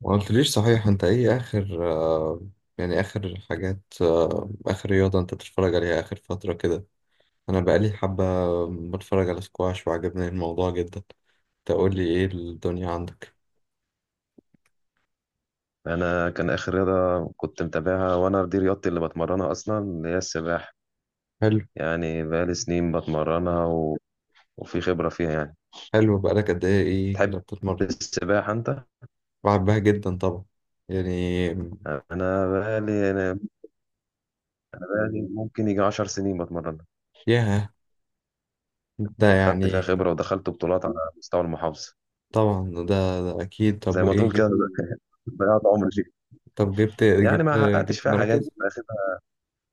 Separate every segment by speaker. Speaker 1: ما قلتليش صحيح، انت ايه اخر يعني اخر حاجات اخر رياضة انت بتتفرج عليها اخر فترة كده. انا بقالي حبة بتفرج على سكواش وعجبني الموضوع جدا. تقولي ايه الدنيا عندك؟
Speaker 2: انا كان اخر رياضه كنت متابعها، وانا دي رياضتي اللي بتمرنها اصلا، اللي هي السباحه.
Speaker 1: حلو.
Speaker 2: يعني بقالي سنين بتمرنها وفي خبره فيها يعني.
Speaker 1: حلو، بقالك قد ايه؟ ايه كده
Speaker 2: تحب
Speaker 1: بتتمرن؟
Speaker 2: السباحه انت؟
Speaker 1: بحبها جدا طبعا، يعني.
Speaker 2: انا بقالي ممكن يجي 10 سنين بتمرنها.
Speaker 1: ياه. ده
Speaker 2: خدت فيها
Speaker 1: يعني.
Speaker 2: خبره ودخلت بطولات على مستوى المحافظه.
Speaker 1: طبعا، ده اكيد. طب
Speaker 2: زي ما
Speaker 1: وايه
Speaker 2: تقول كده
Speaker 1: جبت؟
Speaker 2: ضيعت عمري فيها.
Speaker 1: طب جبت
Speaker 2: يعني
Speaker 1: جبت
Speaker 2: ما حققتش
Speaker 1: جبت
Speaker 2: فيها حاجات.
Speaker 1: مراكز؟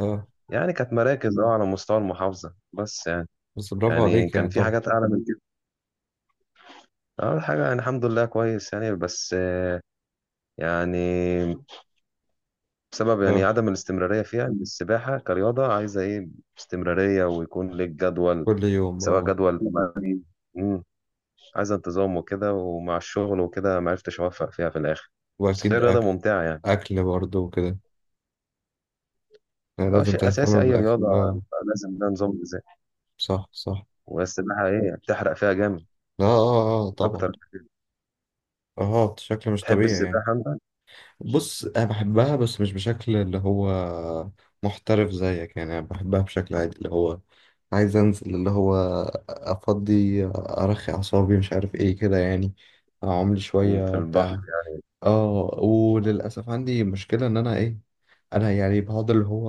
Speaker 1: اه.
Speaker 2: يعني كانت مراكز اه على مستوى المحافظة بس يعني.
Speaker 1: بس برافو
Speaker 2: يعني
Speaker 1: عليك
Speaker 2: كان
Speaker 1: يعني،
Speaker 2: في
Speaker 1: طبعا.
Speaker 2: حاجات أعلى من كده. أول حاجة يعني الحمد لله كويس يعني، بس يعني بسبب يعني
Speaker 1: اه،
Speaker 2: عدم الاستمرارية فيها. إن السباحة كرياضة عايزة إيه؟ استمرارية، ويكون ليك جدول.
Speaker 1: كل يوم،
Speaker 2: سواء
Speaker 1: اه.
Speaker 2: جدول مم، عايزة انتظام وكده، ومع الشغل وكده ما عرفتش أوفق فيها في الآخر. بس هي
Speaker 1: وأكيد
Speaker 2: رياضة
Speaker 1: أكل.
Speaker 2: ممتعة يعني.
Speaker 1: أكل برضه وكده، يعني
Speaker 2: اه،
Speaker 1: لازم
Speaker 2: شيء
Speaker 1: تهتم
Speaker 2: أساسي أي
Speaker 1: بالأكل،
Speaker 2: رياضة يعني،
Speaker 1: اه.
Speaker 2: لازم ده نظام غذائي.
Speaker 1: صح صح.
Speaker 2: والسباحة إيه، بتحرق فيها جامد
Speaker 1: اه اه اه، طبعا.
Speaker 2: أكتر.
Speaker 1: اه، بشكل مش
Speaker 2: تحب
Speaker 1: طبيعي يعني.
Speaker 2: السباحة أنت؟
Speaker 1: بص، أنا بحبها بس مش بشكل اللي هو محترف زيك، يعني أنا بحبها بشكل عادي، اللي هو عايز أنزل، اللي هو أفضي أرخي أعصابي، مش عارف إيه كده يعني، أعملي
Speaker 2: في
Speaker 1: شوية
Speaker 2: البحر.
Speaker 1: بتاع. اه. وللأسف عندي مشكلة إن أنا إيه، انا يعني بقعد اللي هو،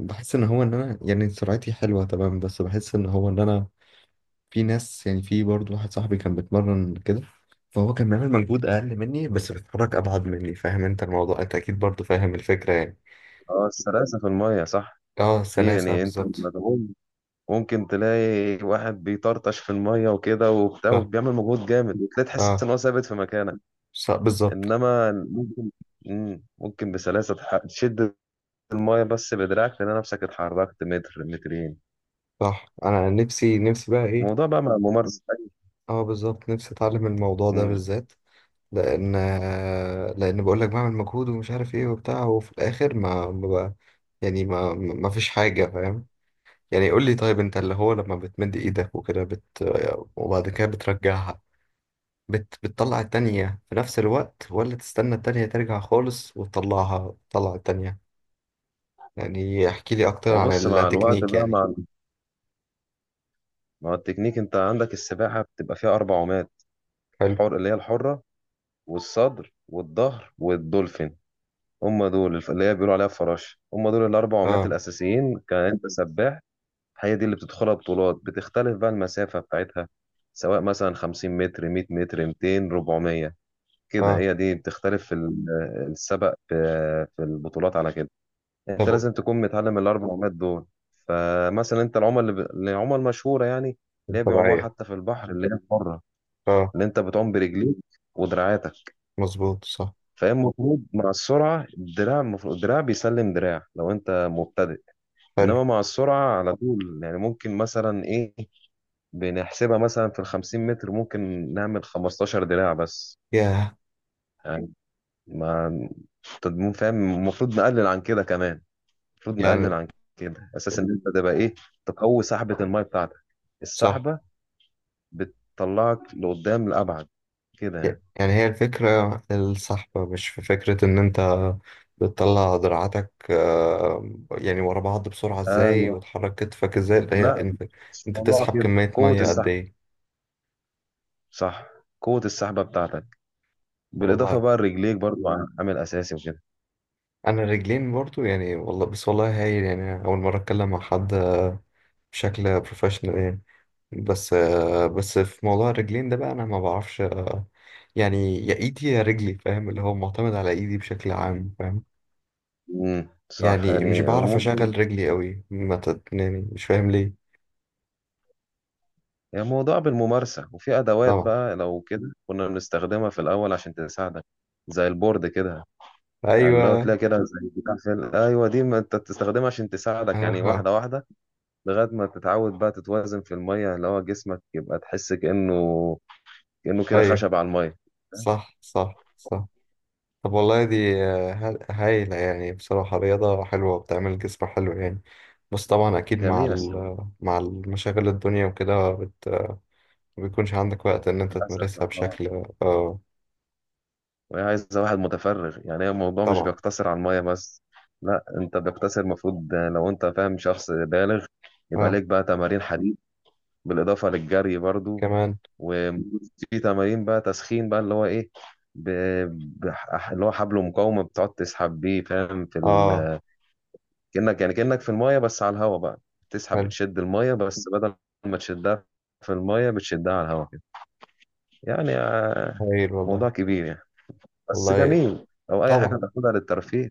Speaker 1: بحس ان هو ان انا يعني سرعتي حلوه تمام، بس بحس ان هو ان انا، في ناس يعني، في برضه واحد صاحبي كان بيتمرن كده، فهو كان بيعمل مجهود اقل مني بس بيتحرك ابعد مني. فاهم انت الموضوع؟ انت اكيد برضه فاهم الفكره يعني.
Speaker 2: اه السلاسة في المية، صح.
Speaker 1: اه،
Speaker 2: في
Speaker 1: سلاسه
Speaker 2: يعني انت
Speaker 1: بالظبط.
Speaker 2: مدعوم. ممكن تلاقي واحد بيطرطش في المية وكده وبتاع،
Speaker 1: صح.
Speaker 2: وبيعمل مجهود جامد، وتلاقي تحس
Speaker 1: اه.
Speaker 2: ان هو ثابت في مكانك.
Speaker 1: صح بالظبط.
Speaker 2: انما ممكن بسلاسة تشد المية بس بدراعك، تلاقي نفسك اتحركت متر مترين.
Speaker 1: صح، انا نفسي نفسي بقى ايه.
Speaker 2: الموضوع بقى مع الممارسة.
Speaker 1: اه بالظبط، نفسي اتعلم الموضوع ده
Speaker 2: مم.
Speaker 1: بالذات. لان لان بقول لك بعمل مجهود ومش عارف ايه وبتاع، وفي الاخر ما بقى-، يعني ما فيش حاجه، فاهم؟ يعني قول لي، طيب انت اللي هو لما بتمد ايدك وكده بت... وبعد كده بترجعها، بت... بتطلع التانية في نفس الوقت، ولا تستنى التانية ترجع خالص وتطلعها، تطلع التانية؟ يعني احكي لي اكتر عن
Speaker 2: وبص مع الوقت
Speaker 1: التكنيك
Speaker 2: بقى
Speaker 1: يعني.
Speaker 2: مع التكنيك، انت عندك السباحة بتبقى فيها أربع عومات:
Speaker 1: حلو.
Speaker 2: حر اللي هي الحرة، والصدر، والظهر، والدولفين. هم دول اللي هي بيقولوا عليها الفراشه، هم دول الاربع عمات
Speaker 1: اه.
Speaker 2: الاساسيين. كان انت سباح؟ هي دي اللي بتدخلها بطولات، بتختلف بقى المسافه بتاعتها، سواء مثلا 50 متر، 100 متر، 200، 400. كده
Speaker 1: اه،
Speaker 2: هي دي بتختلف في السبق في البطولات على كده. انت
Speaker 1: طب.
Speaker 2: لازم تكون متعلم الاربع عمات دول. فمثلا انت العمى العمى المشهوره يعني، اللي هي بيعوموها
Speaker 1: طبيعية.
Speaker 2: حتى في البحر، اللي هي بره،
Speaker 1: اه.
Speaker 2: اللي انت بتعوم برجليك ودراعاتك.
Speaker 1: مظبوط، صح.
Speaker 2: فهي المفروض مع السرعة الدراع، المفروض الدراع بيسلم دراع لو أنت مبتدئ.
Speaker 1: حلو.
Speaker 2: إنما مع السرعة على طول يعني ممكن مثلا إيه، بنحسبها مثلا في الخمسين متر ممكن نعمل 15 دراع بس.
Speaker 1: ياه.
Speaker 2: يعني ما تضمون فاهم، المفروض نقلل عن كده كمان، المفروض نقلل
Speaker 1: يعني.
Speaker 2: عن كده، أساس إن أنت تبقى إيه، تقوي سحبة المية بتاعتك.
Speaker 1: صح.
Speaker 2: السحبة بتطلعك لقدام لأبعد كده يعني.
Speaker 1: يعني هي الفكرة الصحبة، مش في فكرة إن أنت بتطلع دراعاتك يعني ورا بعض بسرعة إزاي،
Speaker 2: أيوه،
Speaker 1: وتحرك كتفك إزاي، اللي هي
Speaker 2: لا
Speaker 1: أنت
Speaker 2: مش
Speaker 1: أنت
Speaker 2: موضوع
Speaker 1: بتسحب
Speaker 2: كده.
Speaker 1: كمية
Speaker 2: قوة
Speaker 1: مية قد
Speaker 2: السحب،
Speaker 1: إيه.
Speaker 2: صح، قوة السحبة بتاعتك، بالاضافه
Speaker 1: والله.
Speaker 2: بقى لرجليك برضو، عامل اساسي وكده.
Speaker 1: أنا رجلين برضو يعني، والله بس والله هايل يعني، أول مرة أتكلم مع حد بشكل بروفيشنال يعني. بس في موضوع الرجلين ده بقى، أنا ما بعرفش، يعني يا إيدي يا رجلي، فاهم؟ اللي هو معتمد على إيدي بشكل عام، فاهم،
Speaker 2: صح،
Speaker 1: يعني مش
Speaker 2: يعني
Speaker 1: بعرف
Speaker 2: ممكن.
Speaker 1: اشغل رجلي قوي، ما تت... يعني مش فاهم ليه.
Speaker 2: يعني موضوع بالممارسه، وفي ادوات
Speaker 1: طبعا.
Speaker 2: بقى لو كده كنا بنستخدمها في الاول عشان تساعدك، زي البورد كده. اللي هو
Speaker 1: ايوه.
Speaker 2: تلاقي كده زي بتاع في ايوه دي، ما انت بتستخدمها عشان تساعدك يعني،
Speaker 1: آه.
Speaker 2: واحده واحده، لغايه ما تتعود بقى تتوازن في الميه، اللي هو جسمك يبقى تحس كانه كده
Speaker 1: ايوه.
Speaker 2: خشب على الميه.
Speaker 1: صح صح صح. طب والله دي ه- هايلة يعني، بصراحة رياضة حلوة وبتعمل الجسم حلو يعني. بس طبعا أكيد
Speaker 2: جميله السباحه.
Speaker 1: مع المشاغل الدنيا وكده بت-، ما بيكونش عندك وقت إن أنت
Speaker 2: للاسف.
Speaker 1: تمارسها بشكل آه.
Speaker 2: وهي عايزة واحد متفرغ، يعني هي الموضوع مش
Speaker 1: طبعا.
Speaker 2: بيقتصر على المية بس. لا انت بيقتصر المفروض، لو انت فاهم شخص بالغ، يبقى
Speaker 1: آه.
Speaker 2: ليك بقى تمارين حديد، بالإضافة للجري برضو.
Speaker 1: كمان.
Speaker 2: وفي تمارين بقى تسخين بقى اللي هو ايه، ب... اللي هو حبل مقاومة بتقعد تسحب بيه، فاهم، في
Speaker 1: آه.
Speaker 2: كأنك يعني كأنك في المية بس على الهواء بقى، تسحب،
Speaker 1: حلو.
Speaker 2: بتشد المية، بس بدل ما تشدها في المية بتشدها على الهواء كده يعني
Speaker 1: هايل والله.
Speaker 2: موضوع كبير يعني. بس
Speaker 1: والله.
Speaker 2: جميل، أو أي حاجة
Speaker 1: طبعا.
Speaker 2: تاخدها للترفيه.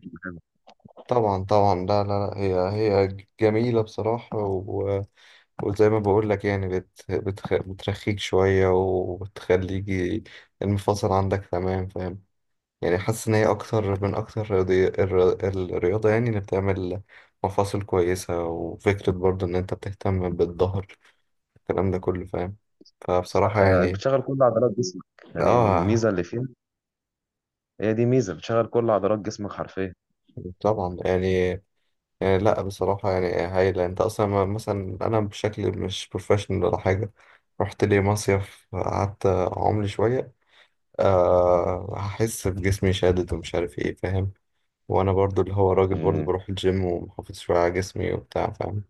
Speaker 1: طبعا طبعا، لا لا لا، هي هي جميلة بصراحة. وزي ما بقول لك يعني بت... بتخ... بترخيك شوية وبتخليك المفاصل عندك تمام، فاهم، يعني حاسس إن هي أكتر الرياضي... الر- الرياضة يعني اللي بتعمل مفاصل كويسة، وفكرة برضه إن أنت بتهتم بالظهر، الكلام ده كله، فاهم.
Speaker 2: صح،
Speaker 1: فبصراحة يعني.
Speaker 2: بتشغل كل عضلات جسمك. يعني
Speaker 1: آه.
Speaker 2: الميزة اللي فيها، هي دي ميزة، بتشغل كل عضلات جسمك حرفيا.
Speaker 1: طبعا يعني. يعني لا بصراحة يعني هايلة. أنت أصلا ما-، مثلا أنا بشكل مش بروفيشنال ولا حاجة، رحت لي مصيف قعدت أعملي شوية، أه هحس بجسمي شادد ومش عارف ايه، فاهم، وانا برضو اللي هو راجل برضو
Speaker 2: مم.
Speaker 1: بروح الجيم ومحافظ شوية على جسمي وبتاع، فاهم.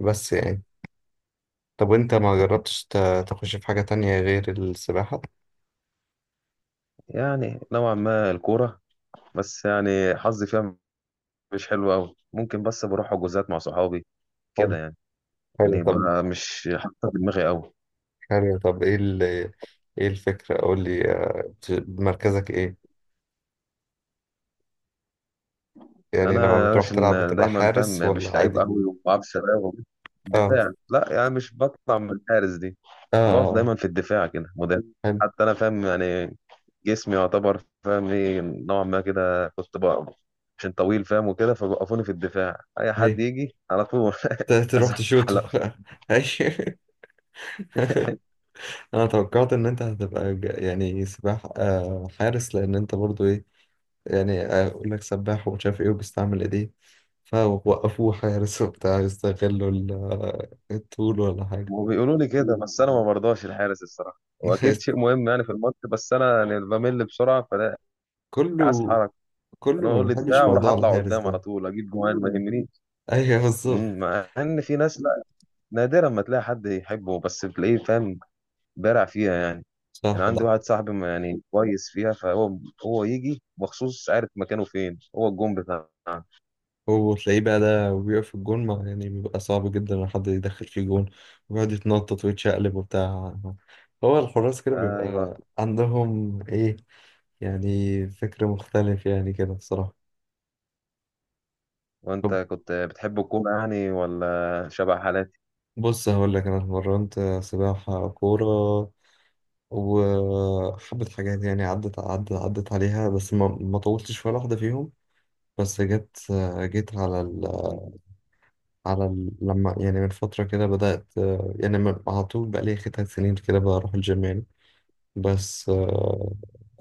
Speaker 1: بس يعني، طب وانت ما جربتش ت- تخش في حاجة تانية غير السباحة؟
Speaker 2: يعني نوعا ما الكورة، بس يعني حظي فيها مش حلو أوي. ممكن بس بروح حجوزات مع صحابي
Speaker 1: حلو.
Speaker 2: كده يعني.
Speaker 1: حلو
Speaker 2: يعني
Speaker 1: طب.
Speaker 2: بقى مش حاطة في دماغي أوي.
Speaker 1: حلو طب، ايه الفكرة؟ قول لي بت- مركزك ايه؟ يعني لما
Speaker 2: أنا
Speaker 1: بتروح
Speaker 2: عشان
Speaker 1: تلعب بتبقى
Speaker 2: دايما فاهم
Speaker 1: حارس ولا
Speaker 2: مش لعيب
Speaker 1: عادي؟
Speaker 2: أوي، وما بعرفش شباب.
Speaker 1: اه.
Speaker 2: دفاع، لا يعني مش بطلع من الحارس دي.
Speaker 1: اه،
Speaker 2: بقف دايما في الدفاع كده، مدافع.
Speaker 1: حلو.
Speaker 2: حتى أنا فاهم يعني جسمي يعتبر فاهم ايه نوعا ما، كده كنت بقى عشان طويل فاهم وكده، فوقفوني في الدفاع، اي
Speaker 1: ايوه.
Speaker 2: حد يجي على طول
Speaker 1: ت- تروح تشوطه.
Speaker 2: ازحلق.
Speaker 1: ايوه. انا توقعت ان انت هتبقى ج- يعني سباح حارس، لان انت برضو ايه، يعني اقول لك سباح ومش عارف ايه وبيستعمل ايديه، فوقفوه حارس وبتاع يستغلوا ال- الطول، ولا حاجة.
Speaker 2: وبيقولوا لي كده، بس انا ما برضاش الحارس الصراحه، واكيد شيء مهم يعني في الماتش، بس انا يعني بمل بسرعه، فلا، عايز
Speaker 1: كله.
Speaker 2: حركه.
Speaker 1: كله
Speaker 2: انا
Speaker 1: ما
Speaker 2: اقول لي دفاع
Speaker 1: بيحبش
Speaker 2: واروح
Speaker 1: موضوع
Speaker 2: اطلع
Speaker 1: الحارس
Speaker 2: قدام على
Speaker 1: ده.
Speaker 2: طول اجيب جوان ما يهمنيش.
Speaker 1: ايوه بالظبط.
Speaker 2: مع ان في ناس لا، نادرا ما تلاقي حد يحبه، بس بتلاقيه فاهم بارع فيها يعني. يعني
Speaker 1: صح
Speaker 2: عندي
Speaker 1: ده.
Speaker 2: واحد صاحبي يعني كويس فيها، فهو هو يجي مخصوص عارف مكانه فين هو الجون بتاعه.
Speaker 1: وتلاقيه بقى ده وبيقف في الجون، ما يعني بيبقى صعب جدا ان حد يدخل فيه جون، ويقعد يتنطط ويتشقلب وبتاع. هو الحراس كده
Speaker 2: ايوه.
Speaker 1: بيبقى عندهم ايه، يعني فكر مختلف يعني كده بصراحة.
Speaker 2: وانت
Speaker 1: طب
Speaker 2: كنت بتحب الكوره يعني؟ ولا شبه حالاتي؟
Speaker 1: بص هقول لك، أنا اتمرنت سباحة، كورة، وحبة حاجات يعني، عدت عليها، بس ما طولتش في ولا واحدة فيهم. بس جت، جيت على ال... على ال... لما يعني من فترة كده بدأت يعني، من- على طول، بقى لي 3 سنين كده بروح الجيم يعني. بس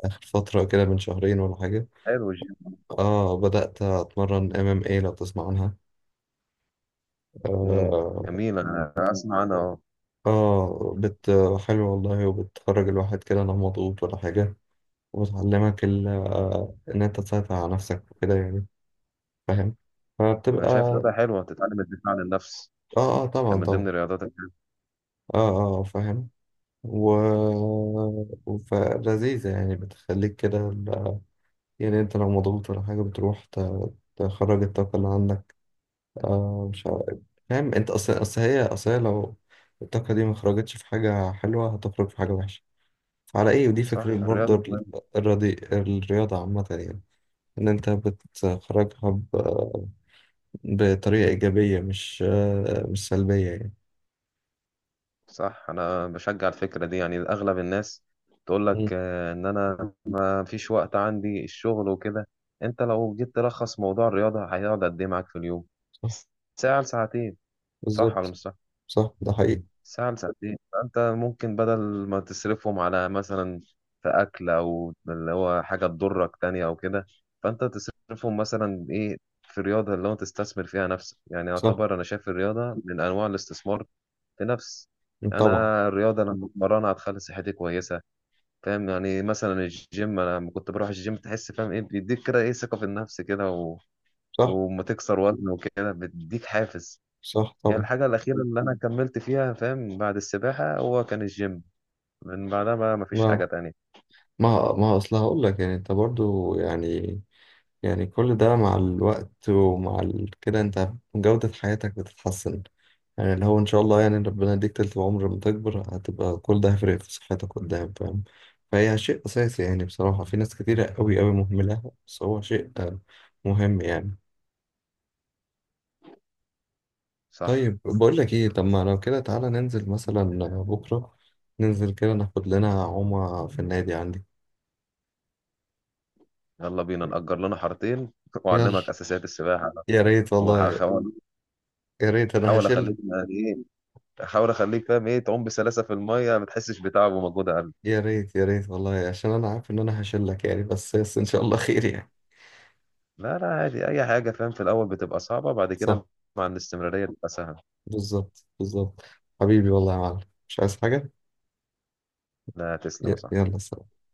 Speaker 1: آخر فترة كده من شهرين ولا حاجة،
Speaker 2: حلو الجيم.
Speaker 1: اه، بدأت أتمرن MMA، لو تسمع عنها.
Speaker 2: مم،
Speaker 1: آه.
Speaker 2: جميل، انا اسمع، انا اه
Speaker 1: اه، بت حلو والله، وبتخرج الواحد كده لا مضغوط ولا حاجة، وبتعلمك ال... إن أنت تسيطر على نفسك وكده يعني، فاهم،
Speaker 2: انا
Speaker 1: فبتبقى
Speaker 2: شايف
Speaker 1: اه.
Speaker 2: رياضه حلوه تتعلم الدفاع عن النفس.
Speaker 1: اه طبعا
Speaker 2: كان من ضمن
Speaker 1: طبعا.
Speaker 2: الرياضات الحلوة.
Speaker 1: اه اه فاهم. و فلذيذة يعني بتخليك كده ال-، يعني أنت لو مضغوط ولا حاجة بتروح ت- تخرج الطاقة اللي عندك، آه، مش عارف. فاهم، أنت أصل هي أصل هي، لو الطاقة دي ما خرجتش في حاجة حلوة هتخرج في حاجة وحشة، على ايه، ودي
Speaker 2: صح،
Speaker 1: فكرة برضه
Speaker 2: الرياضه
Speaker 1: ال-
Speaker 2: مهمة.
Speaker 1: الرياضي الرياضة عامة يعني، ان انت بتخرجها ب- بطريقة ايجابية، مش سلبية يعني.
Speaker 2: صح، انا بشجع الفكره دي. يعني اغلب الناس تقول
Speaker 1: مم.
Speaker 2: لك آه، ان انا ما فيش وقت عندي، الشغل وكده. انت لو جيت تلخص موضوع الرياضه، هيقعد قد ايه معاك في اليوم؟
Speaker 1: صح.
Speaker 2: ساعة لساعتين. صح ولا
Speaker 1: بالظبط.
Speaker 2: مش صح؟
Speaker 1: صح ده حقيقي.
Speaker 2: ساعة لساعتين، فأنت ممكن بدل ما تصرفهم على مثلا في أكل، أو اللي هو حاجة تضرك تانية أو كده، فأنت تصرفهم مثلا إيه في رياضة اللي هو تستثمر فيها نفسك. يعني
Speaker 1: صح.
Speaker 2: يعتبر أنا شايف الرياضة من أنواع الاستثمار في نفس.
Speaker 1: مم، طبعا.
Speaker 2: أنا الرياضة لما بتمرنها هتخلي صحتي كويسة. فاهم يعني مثلا الجيم، أنا لما كنت بروح الجيم تحس فاهم إيه بيديك كده إيه، ثقة في النفس كده
Speaker 1: صح.
Speaker 2: وما تكسر وزن وكده بيديك حافز.
Speaker 1: صح،
Speaker 2: هي
Speaker 1: طبعا.
Speaker 2: الحاجة الأخيرة اللي أنا كملت فيها فاهم بعد السباحة هو كان الجيم، من بعدها بقى مفيش
Speaker 1: ما
Speaker 2: حاجة تانية.
Speaker 1: ما اصل هقول لك يعني، انت برضو يعني، يعني كل ده مع الوقت ومع ال... كده انت جودة حياتك بتتحسن، يعني اللي هو ان شاء الله يعني ربنا يديك تلت عمر، لما تكبر هتبقى كل ده هيفرق في صحتك قدام، فاهم، فهي شيء اساسي يعني، بصراحة في ناس كتيرة قوي قوي مهملة، بس هو شيء مهم يعني.
Speaker 2: صح.
Speaker 1: طيب بقول لك ايه، طب ما لو كده تعالى ننزل مثلا بكرة، ننزل كده ناخد لنا عومة في النادي عندي.
Speaker 2: يلا بينا نأجر لنا حارتين
Speaker 1: يلا.
Speaker 2: وأعلمك أساسيات السباحة.
Speaker 1: يا ريت والله.
Speaker 2: وهحاول
Speaker 1: يا ريت، انا
Speaker 2: أحاول
Speaker 1: هشيل.
Speaker 2: أخليك يعني إيه، أحاول أخليك فاهم إيه، تعوم بسلاسة في المية ما تحسش بتعب ومجهود أقل.
Speaker 1: يا ريت يا ريت والله، عشان انا عارف ان انا هشلك يعني، بس ان شاء الله خير يعني.
Speaker 2: لا لا، عادي، أي حاجة فاهم في الأول بتبقى صعبة، بعد
Speaker 1: صح،
Speaker 2: كده مع الاستمرارية بتبقى سهلة.
Speaker 1: بالظبط بالظبط. حبيبي والله يا معلم، مش عايز حاجة.
Speaker 2: لا، تسلم يا
Speaker 1: ي-
Speaker 2: صاحبي.
Speaker 1: يلا سلام.